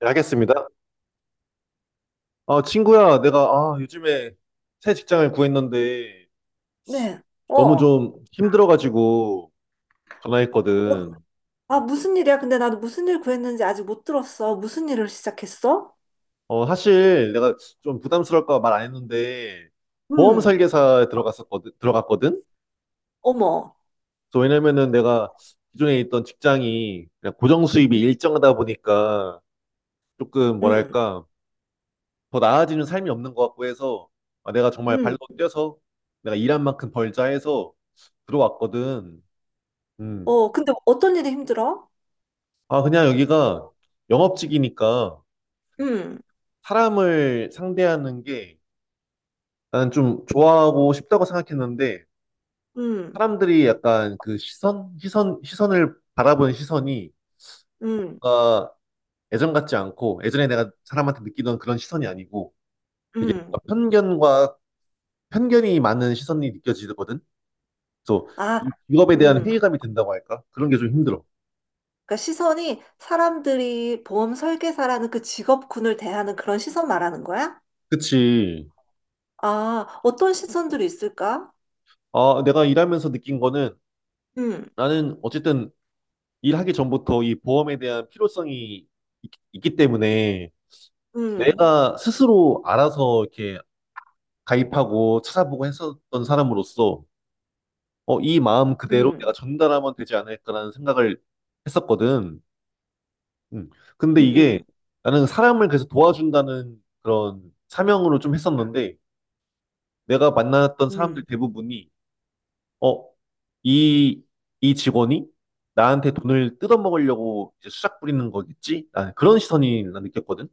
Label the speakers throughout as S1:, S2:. S1: 네, 겠습니다. 아, 친구야, 내가 아, 요즘에 새 직장을 구했는데
S2: 네. 어.
S1: 너무
S2: 어.
S1: 좀 힘들어가지고 전화했거든.
S2: 아, 무슨 일이야? 근데 나도 무슨 일 구했는지 아직 못 들었어. 무슨 일을 시작했어?
S1: 어, 사실 내가 좀 부담스러울까 말 안 했는데 보험
S2: 음.
S1: 설계사에 들어갔거든?
S2: 어머.
S1: 그래서 왜냐면은 내가 기존에 있던 직장이 그냥 고정 수입이
S2: 음.
S1: 일정하다 보니까 조금
S2: 음.
S1: 뭐랄까 더 나아지는 삶이 없는 것 같고 해서 아, 내가 정말 발로
S2: 음.
S1: 뛰어서 내가 일한 만큼 벌자 해서 들어왔거든. 음.
S2: 어, 근데 어떤 일이 힘들어?
S1: 아, 그냥 여기가 영업직이니까
S2: 음.
S1: 사람을 상대하는 게 나는 좀 좋아하고 싶다고 생각했는데
S2: 음.
S1: 사람들이 약간 그 시선을 바라보는 시선이
S2: 음.
S1: 뭔가 예전 같지 않고 예전에 내가 사람한테 느끼던 그런 시선이 아니고
S2: 음.
S1: 편견과 편견이 많은 시선이 느껴지거든. 그래서
S2: 아,
S1: 이 직업에 대한
S2: 음.
S1: 회의감이 든다고 할까? 그런 게 좀 힘들어.
S2: 그러니까 시선이 사람들이 보험 설계사라는 그 직업군을 대하는 그런 시선 말하는 거야?
S1: 그치.
S2: 아, 어떤 시선들이 있을까?
S1: 아, 내가 일하면서 느낀 거는
S2: 음.
S1: 나는 어쨌든 일하기 전부터 이 보험에 대한 필요성이 있기 때문에
S2: 음.
S1: 내가 스스로 알아서 이렇게 가입하고 찾아보고 했었던 사람으로서 어, 이 마음 그대로
S2: 음.
S1: 내가 전달하면 되지 않을까라는 생각을 했었거든. 음. 근데
S2: 음.
S1: 이게
S2: 음.
S1: 나는 사람을 그래서 도와준다는 그런 사명으로 좀 했었는데 내가 만났던 사람들
S2: 음.
S1: 대부분이 어, 이, 이 직원이 나한테 돈을 뜯어먹으려고 이제 수작 부리는 거겠지? 아, 그런 시선이 난 느꼈거든.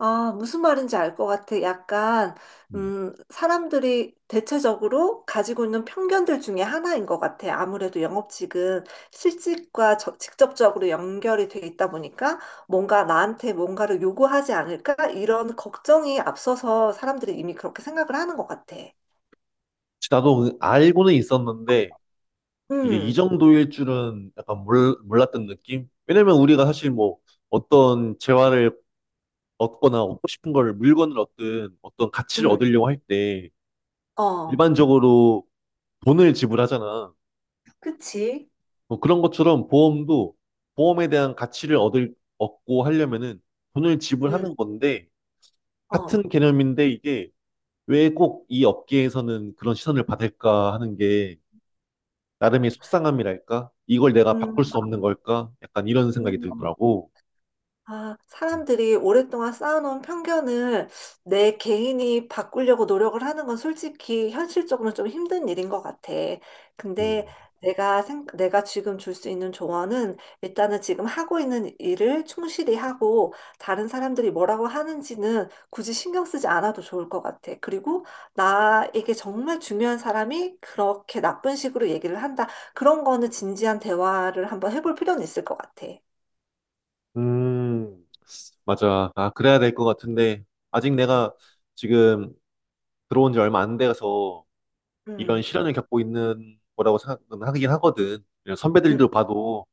S2: 아, 무슨 말인지 알 것 같아. 약간,
S1: 음.
S2: 사람들이 대체적으로 가지고 있는 편견들 중에 하나인 것 같아. 아무래도 영업직은 실직과 직접적으로 연결이 돼 있다 보니까 뭔가 나한테 뭔가를 요구하지 않을까? 이런 걱정이 앞서서 사람들이 이미 그렇게 생각을 하는 것 같아.
S1: 나도 알고는 있었는데 이게 이
S2: 음,
S1: 정도일 줄은 약간 몰랐던 느낌? 왜냐면 우리가 사실 뭐 어떤 재화를 얻거나 얻고 싶은 걸 물건을 얻든 어떤 가치를
S2: 음,
S1: 얻으려고 할 때
S2: 어,
S1: 일반적으로 돈을 지불하잖아.
S2: 그치?
S1: 뭐 그런 것처럼 보험도 보험에 대한 가치를 얻을 얻고 하려면은 돈을
S2: 음,
S1: 지불하는 건데
S2: 어,
S1: 같은 개념인데 이게 왜 꼭 이 업계에서는 그런 시선을 받을까 하는 게 나름의 속상함이랄까? 이걸 내가
S2: 음,
S1: 바꿀 수 없는 걸까? 약간 이런 생각이
S2: 음.
S1: 들더라고.
S2: 아, 사람들이 오랫동안 쌓아놓은 편견을 내 개인이 바꾸려고 노력을 하는 건 솔직히 현실적으로 좀 힘든 일인 것 같아. 근데
S1: 음,
S2: 내가 지금 줄 수 있는 조언은 일단은 지금 하고 있는 일을 충실히 하고 다른 사람들이 뭐라고 하는지는 굳이 신경 쓰지 않아도 좋을 것 같아. 그리고 나에게 정말 중요한 사람이 그렇게 나쁜 식으로 얘기를 한다. 그런 거는 진지한 대화를 한번 해볼 필요는 있을 것 같아.
S1: 음, 맞아. 아, 그래야 될 것 같은데, 아직
S2: 음.
S1: 내가 지금 들어온 지 얼마 안 돼서 이런
S2: 음.
S1: 시련을 겪고 있는 거라고 생각은 하긴 하거든. 그냥
S2: 음.
S1: 선배들도 봐도,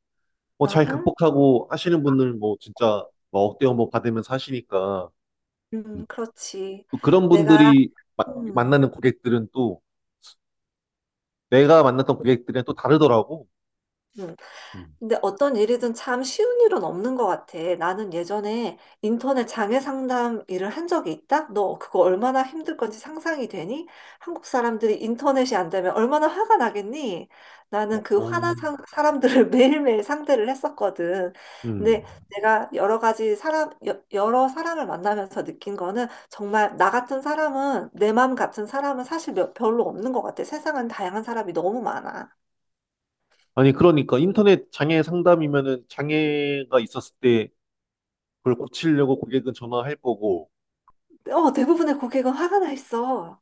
S1: 뭐, 잘
S2: 어허.
S1: 극복하고 하시는 분들, 뭐, 진짜, 뭐 억대어 뭐 받으면서 하시니까, 음.
S2: 그렇지.
S1: 또 그런
S2: 내가,
S1: 분들이 마-
S2: 어,
S1: 만나는 고객들은 또, 내가 만났던 고객들이랑 또 다르더라고.
S2: 음.
S1: 음.
S2: 근데 어떤 일이든 참 쉬운 일은 없는 것 같아. 나는 예전에 인터넷 장애 상담 일을 한 적이 있다? 너 그거 얼마나 힘들 건지 상상이 되니? 한국 사람들이 인터넷이 안 되면 얼마나 화가 나겠니? 나는 그
S1: 어,
S2: 화난
S1: 음.
S2: 사람들을 매일매일 상대를 했었거든. 근데
S1: 음.
S2: 내가 여러 가지 사람, 여러 사람을 만나면서 느낀 거는 정말 나 같은 사람은, 내 마음 같은 사람은 사실 별로 없는 것 같아. 세상은 다양한 사람이 너무 많아.
S1: 아니, 그러니까 인터넷 장애 상담이면은 장애가 있었을 때 그걸 고치려고 고객은 전화할 거고,
S2: 어, 대부분의 고객은 화가 나 있어.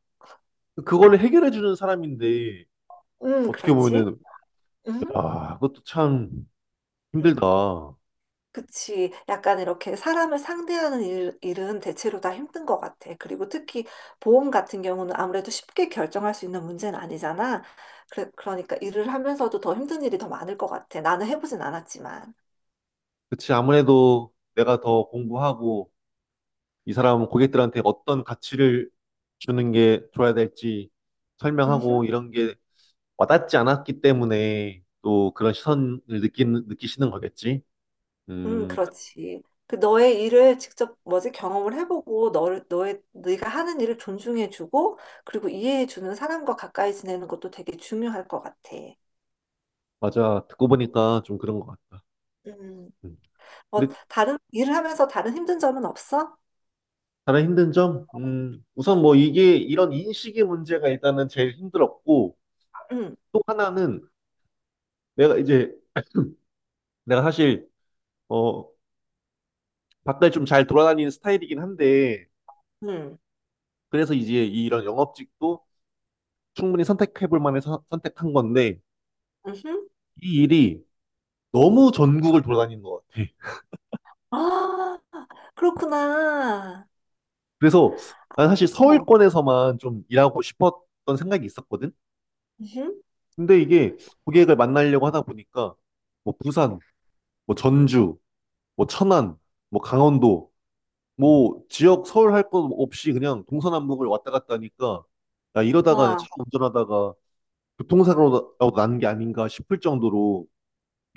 S1: 그거를 해결해 주는 사람인데, 어떻게
S2: 그렇지.
S1: 보면은,
S2: 음,
S1: 야, 그것도 참
S2: 음,
S1: 힘들다.
S2: 그치. 약간 이렇게 사람을 상대하는 일은 대체로 다 힘든 것 같아. 그리고 특히 보험 같은 경우는 아무래도 쉽게 결정할 수 있는 문제는 아니잖아. 그래, 그러니까 일을 하면서도 더 힘든 일이 더 많을 것 같아. 나는 해보진 않았지만.
S1: 그치, 아무래도 내가 더 공부하고, 이 사람은 고객들한테 어떤 가치를 주는 게 줘야 될지 설명하고,
S2: 음흠.
S1: 이런 게 와닿지 않았기 때문에 또 그런 시선을 느끼시는 거겠지? 음,
S2: 그렇지. 그 너의 일을 직접 뭐지 경험을 해보고 너를 너의 네가 하는 일을 존중해주고 그리고 이해해주는 사람과 가까이 지내는 것도 되게 중요할 것 같아.
S1: 맞아. 듣고 보니까 좀 그런 것 같다.
S2: 음.
S1: 음.
S2: 어,
S1: 근데
S2: 다- 른 일을 하면서 다른 힘든 점은 없어?
S1: 가장 힘든 점? 우선 뭐 이게 이런 인식의 문제가 일단은 제일 힘들었고,
S2: 응,
S1: 또 하나는 내가 이제, 내가 사실, 어, 바깥에 좀 잘 돌아다니는 스타일이긴 한데,
S2: 응,
S1: 그래서 이제 이런 영업직도 충분히 선택해볼 만해 선택한 건데,
S2: 응.
S1: 이 일이 너무 전국을 돌아다니는 것 같아.
S2: 아, 그렇구나.
S1: 그래서 난 사실
S2: 어,
S1: 서울권에서만 좀 일하고 싶었던 생각이 있었거든?
S2: 응.
S1: 근데 이게 고객을 만나려고 하다 보니까, 뭐 부산, 뭐 전주, 뭐 천안, 뭐 강원도, 뭐 지역 서울 할 것 없이 그냥 동서남북을 왔다 갔다 하니까 야 이러다가
S2: 와.
S1: 차 운전하다가 교통사고라도 나는 게 아닌가 싶을 정도로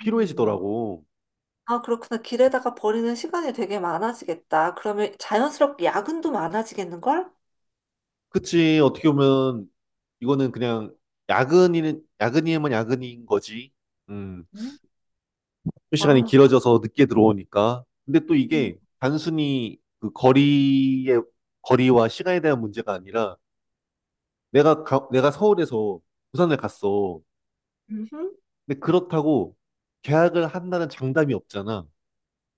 S2: 음. 아, 그렇구나. 길에다가 버리는 시간이 되게 많아지겠다. 그러면 자연스럽게 야근도 많아지겠는걸?
S1: 그치, 어떻게 보면 이거는 그냥 야근이는 야근이면 야근인 거지. 음,
S2: 응.
S1: 출근 시간이
S2: 와, 그렇
S1: 길어져서 늦게 들어오니까. 근데 또
S2: 음.
S1: 이게 단순히 그 거리의 거리와 시간에 대한 문제가 아니라 내가 서울에서 부산을 갔어.
S2: 음. 응.
S1: 근데 그렇다고 계약을 한다는 장담이 없잖아.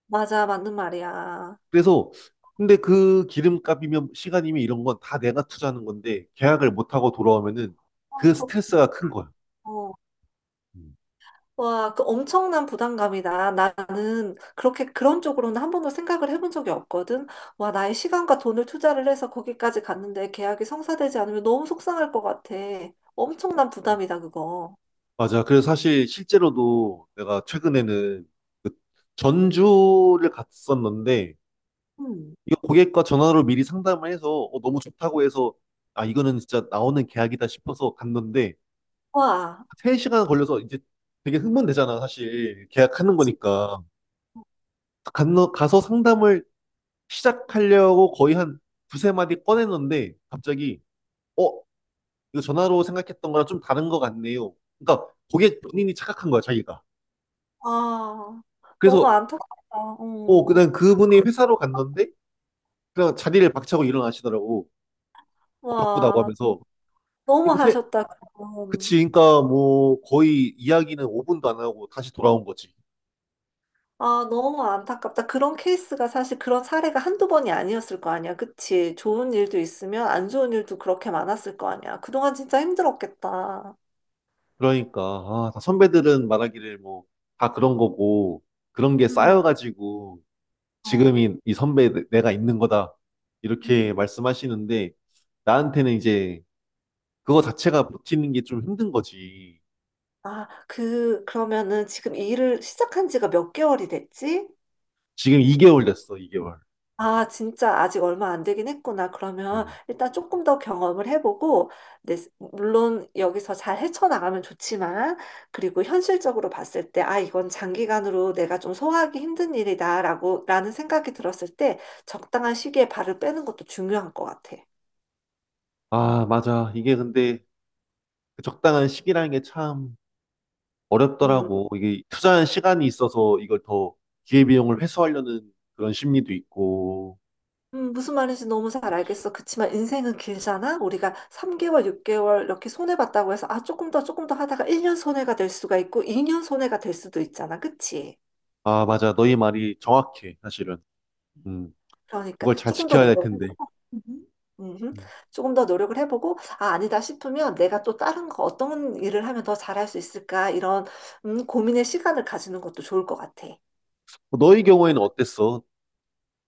S2: 맞아, 맞는 말이야.
S1: 그래서 근데 그 기름값이면 시간이면 이런 건 다 내가 투자하는 건데 계약을 못 하고 돌아오면은
S2: 아,
S1: 그
S2: 그렇구나.
S1: 스트레스가 큰 거야.
S2: 어.
S1: 음.
S2: 와, 그 엄청난 부담감이다. 나는 그렇게 그런 쪽으로는 한 번도 생각을 해본 적이 없거든. 와, 나의 시간과 돈을 투자를 해서 거기까지 갔는데 계약이 성사되지 않으면 너무 속상할 것 같아. 엄청난 부담이다, 그거.
S1: 맞아. 그래서 사실 실제로도 내가 최근에는 그 전주를 갔었는데
S2: 음.
S1: 이거 고객과 전화로 미리 상담을 해서 어, 너무 좋다고 해서 아 이거는 진짜 나오는 계약이다 싶어서 갔는데
S2: 와,
S1: 3시간 걸려서 이제 되게 흥분되잖아 사실 계약하는
S2: 그치.
S1: 거니까. 가서 상담을 시작하려고 거의 한 두세 마디 꺼냈는데 갑자기 어 이거 전화로 생각했던 거랑 좀 다른 것 같네요. 그러니까 고객 본인이 착각한 거야 자기가.
S2: 아, 너무
S1: 그래서
S2: 안타깝다.
S1: 어
S2: 어,
S1: 그냥 그분이 회사로 갔는데 그냥 자리를 박차고 일어나시더라고. 어, 바쁘다고
S2: 와,
S1: 하면서
S2: 너무
S1: 이거 세
S2: 하셨다, 그럼.
S1: 그치 그러니까 뭐 거의 이야기는 5분도 안 하고 다시 돌아온 거지.
S2: 아, 너무 안타깝다. 그런 케이스가 사실 그런 사례가 한두 번이 아니었을 거 아니야. 그치? 좋은 일도 있으면 안 좋은 일도 그렇게 많았을 거 아니야. 그동안 진짜 힘들었겠다.
S1: 그러니까 아, 다 선배들은 말하기를 뭐 다 그런 거고 그런 게
S2: 음,
S1: 쌓여가지고
S2: 어.
S1: 지금이 이 선배 가 있는 거다. 이렇게
S2: 음.
S1: 말씀하시는데 나한테는 이제 그거 자체가 버티는 게 좀 힘든 거지.
S2: 아, 그러면은 지금 일을 시작한 지가 몇 개월이 됐지?
S1: 지금 2개월 됐어, 2개월.
S2: 아, 진짜 아직 얼마 안 되긴 했구나. 그러면 일단 조금 더 경험을 해보고, 내, 물론 여기서 잘 헤쳐나가면 좋지만, 그리고 현실적으로 봤을 때, 아, 이건 장기간으로 내가 좀 소화하기 힘든 라는 생각이 들었을 때, 적당한 시기에 발을 빼는 것도 중요한 것 같아.
S1: 아, 맞아. 이게 근데 그 적당한 시기라는 게 참
S2: 음,
S1: 어렵더라고. 이게 투자한 시간이 있어서 이걸 더 기회비용을 회수하려는 그런 심리도 있고.
S2: 무슨 말인지 너무 잘 알겠어. 그치만 인생은 길잖아? 우리가 3개월, 6개월 이렇게 손해봤다고 해서, 아, 조금 더 하다가 1년 손해가 될 수가 있고, 2년 손해가 될 수도 있잖아. 그치?
S1: 아, 맞아. 너희 말이 정확해, 사실은. 음,
S2: 그러니까
S1: 그걸 잘
S2: 조금 더
S1: 지켜야 될
S2: 노력을
S1: 텐데.
S2: 해보고, 음, 음,
S1: 음.
S2: 조금 더 노력을 해보고, 아, 아니다 싶으면 내가 또 다른 거 어떤 일을 하면 더 잘할 수 있을까, 이런 고민의 시간을 가지는 것도 좋을 것 같아.
S1: 너희 경우에는 어땠어?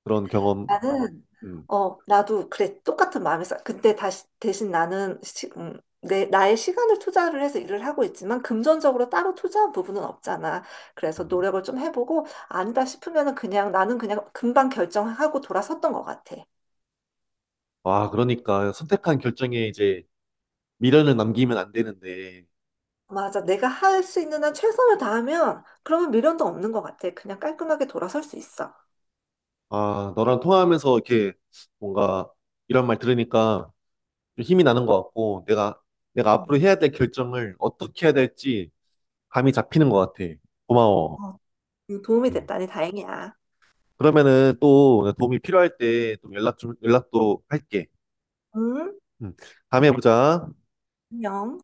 S1: 그런 경험.
S2: 나는,
S1: 음.
S2: 어, 나도 그래, 똑같은 마음에서, 근데 대신 나의 시간을 투자를 해서 일을 하고 있지만, 금전적으로 따로 투자한 부분은 없잖아. 그래서
S1: 음.
S2: 노력을 좀 해보고, 아니다 싶으면은 그냥, 나는 그냥 금방 결정하고 돌아섰던 것 같아.
S1: 와, 그러니까 선택한 결정에 이제 미련을 남기면 안 되는데,
S2: 맞아. 내가 할 수 있는 한 최선을 다하면 그러면 미련도 없는 것 같아. 그냥 깔끔하게 돌아서수 있어.
S1: 아, 너랑 통화하면서 이렇게 뭔가 이런 말 들으니까 좀 힘이 나는 것 같고, 내가, 내가 앞으로
S2: 음.
S1: 해야 될 결정을 어떻게 해야 될지 감이 잡히는 것 같아. 고마워.
S2: 어, 도움이
S1: 음.
S2: 됐다니 다행이야.
S1: 그러면은 또 도움이 필요할 때 또 연락 좀, 연락도 할게.
S2: 응?
S1: 음. 다음에 보자.
S2: 안녕.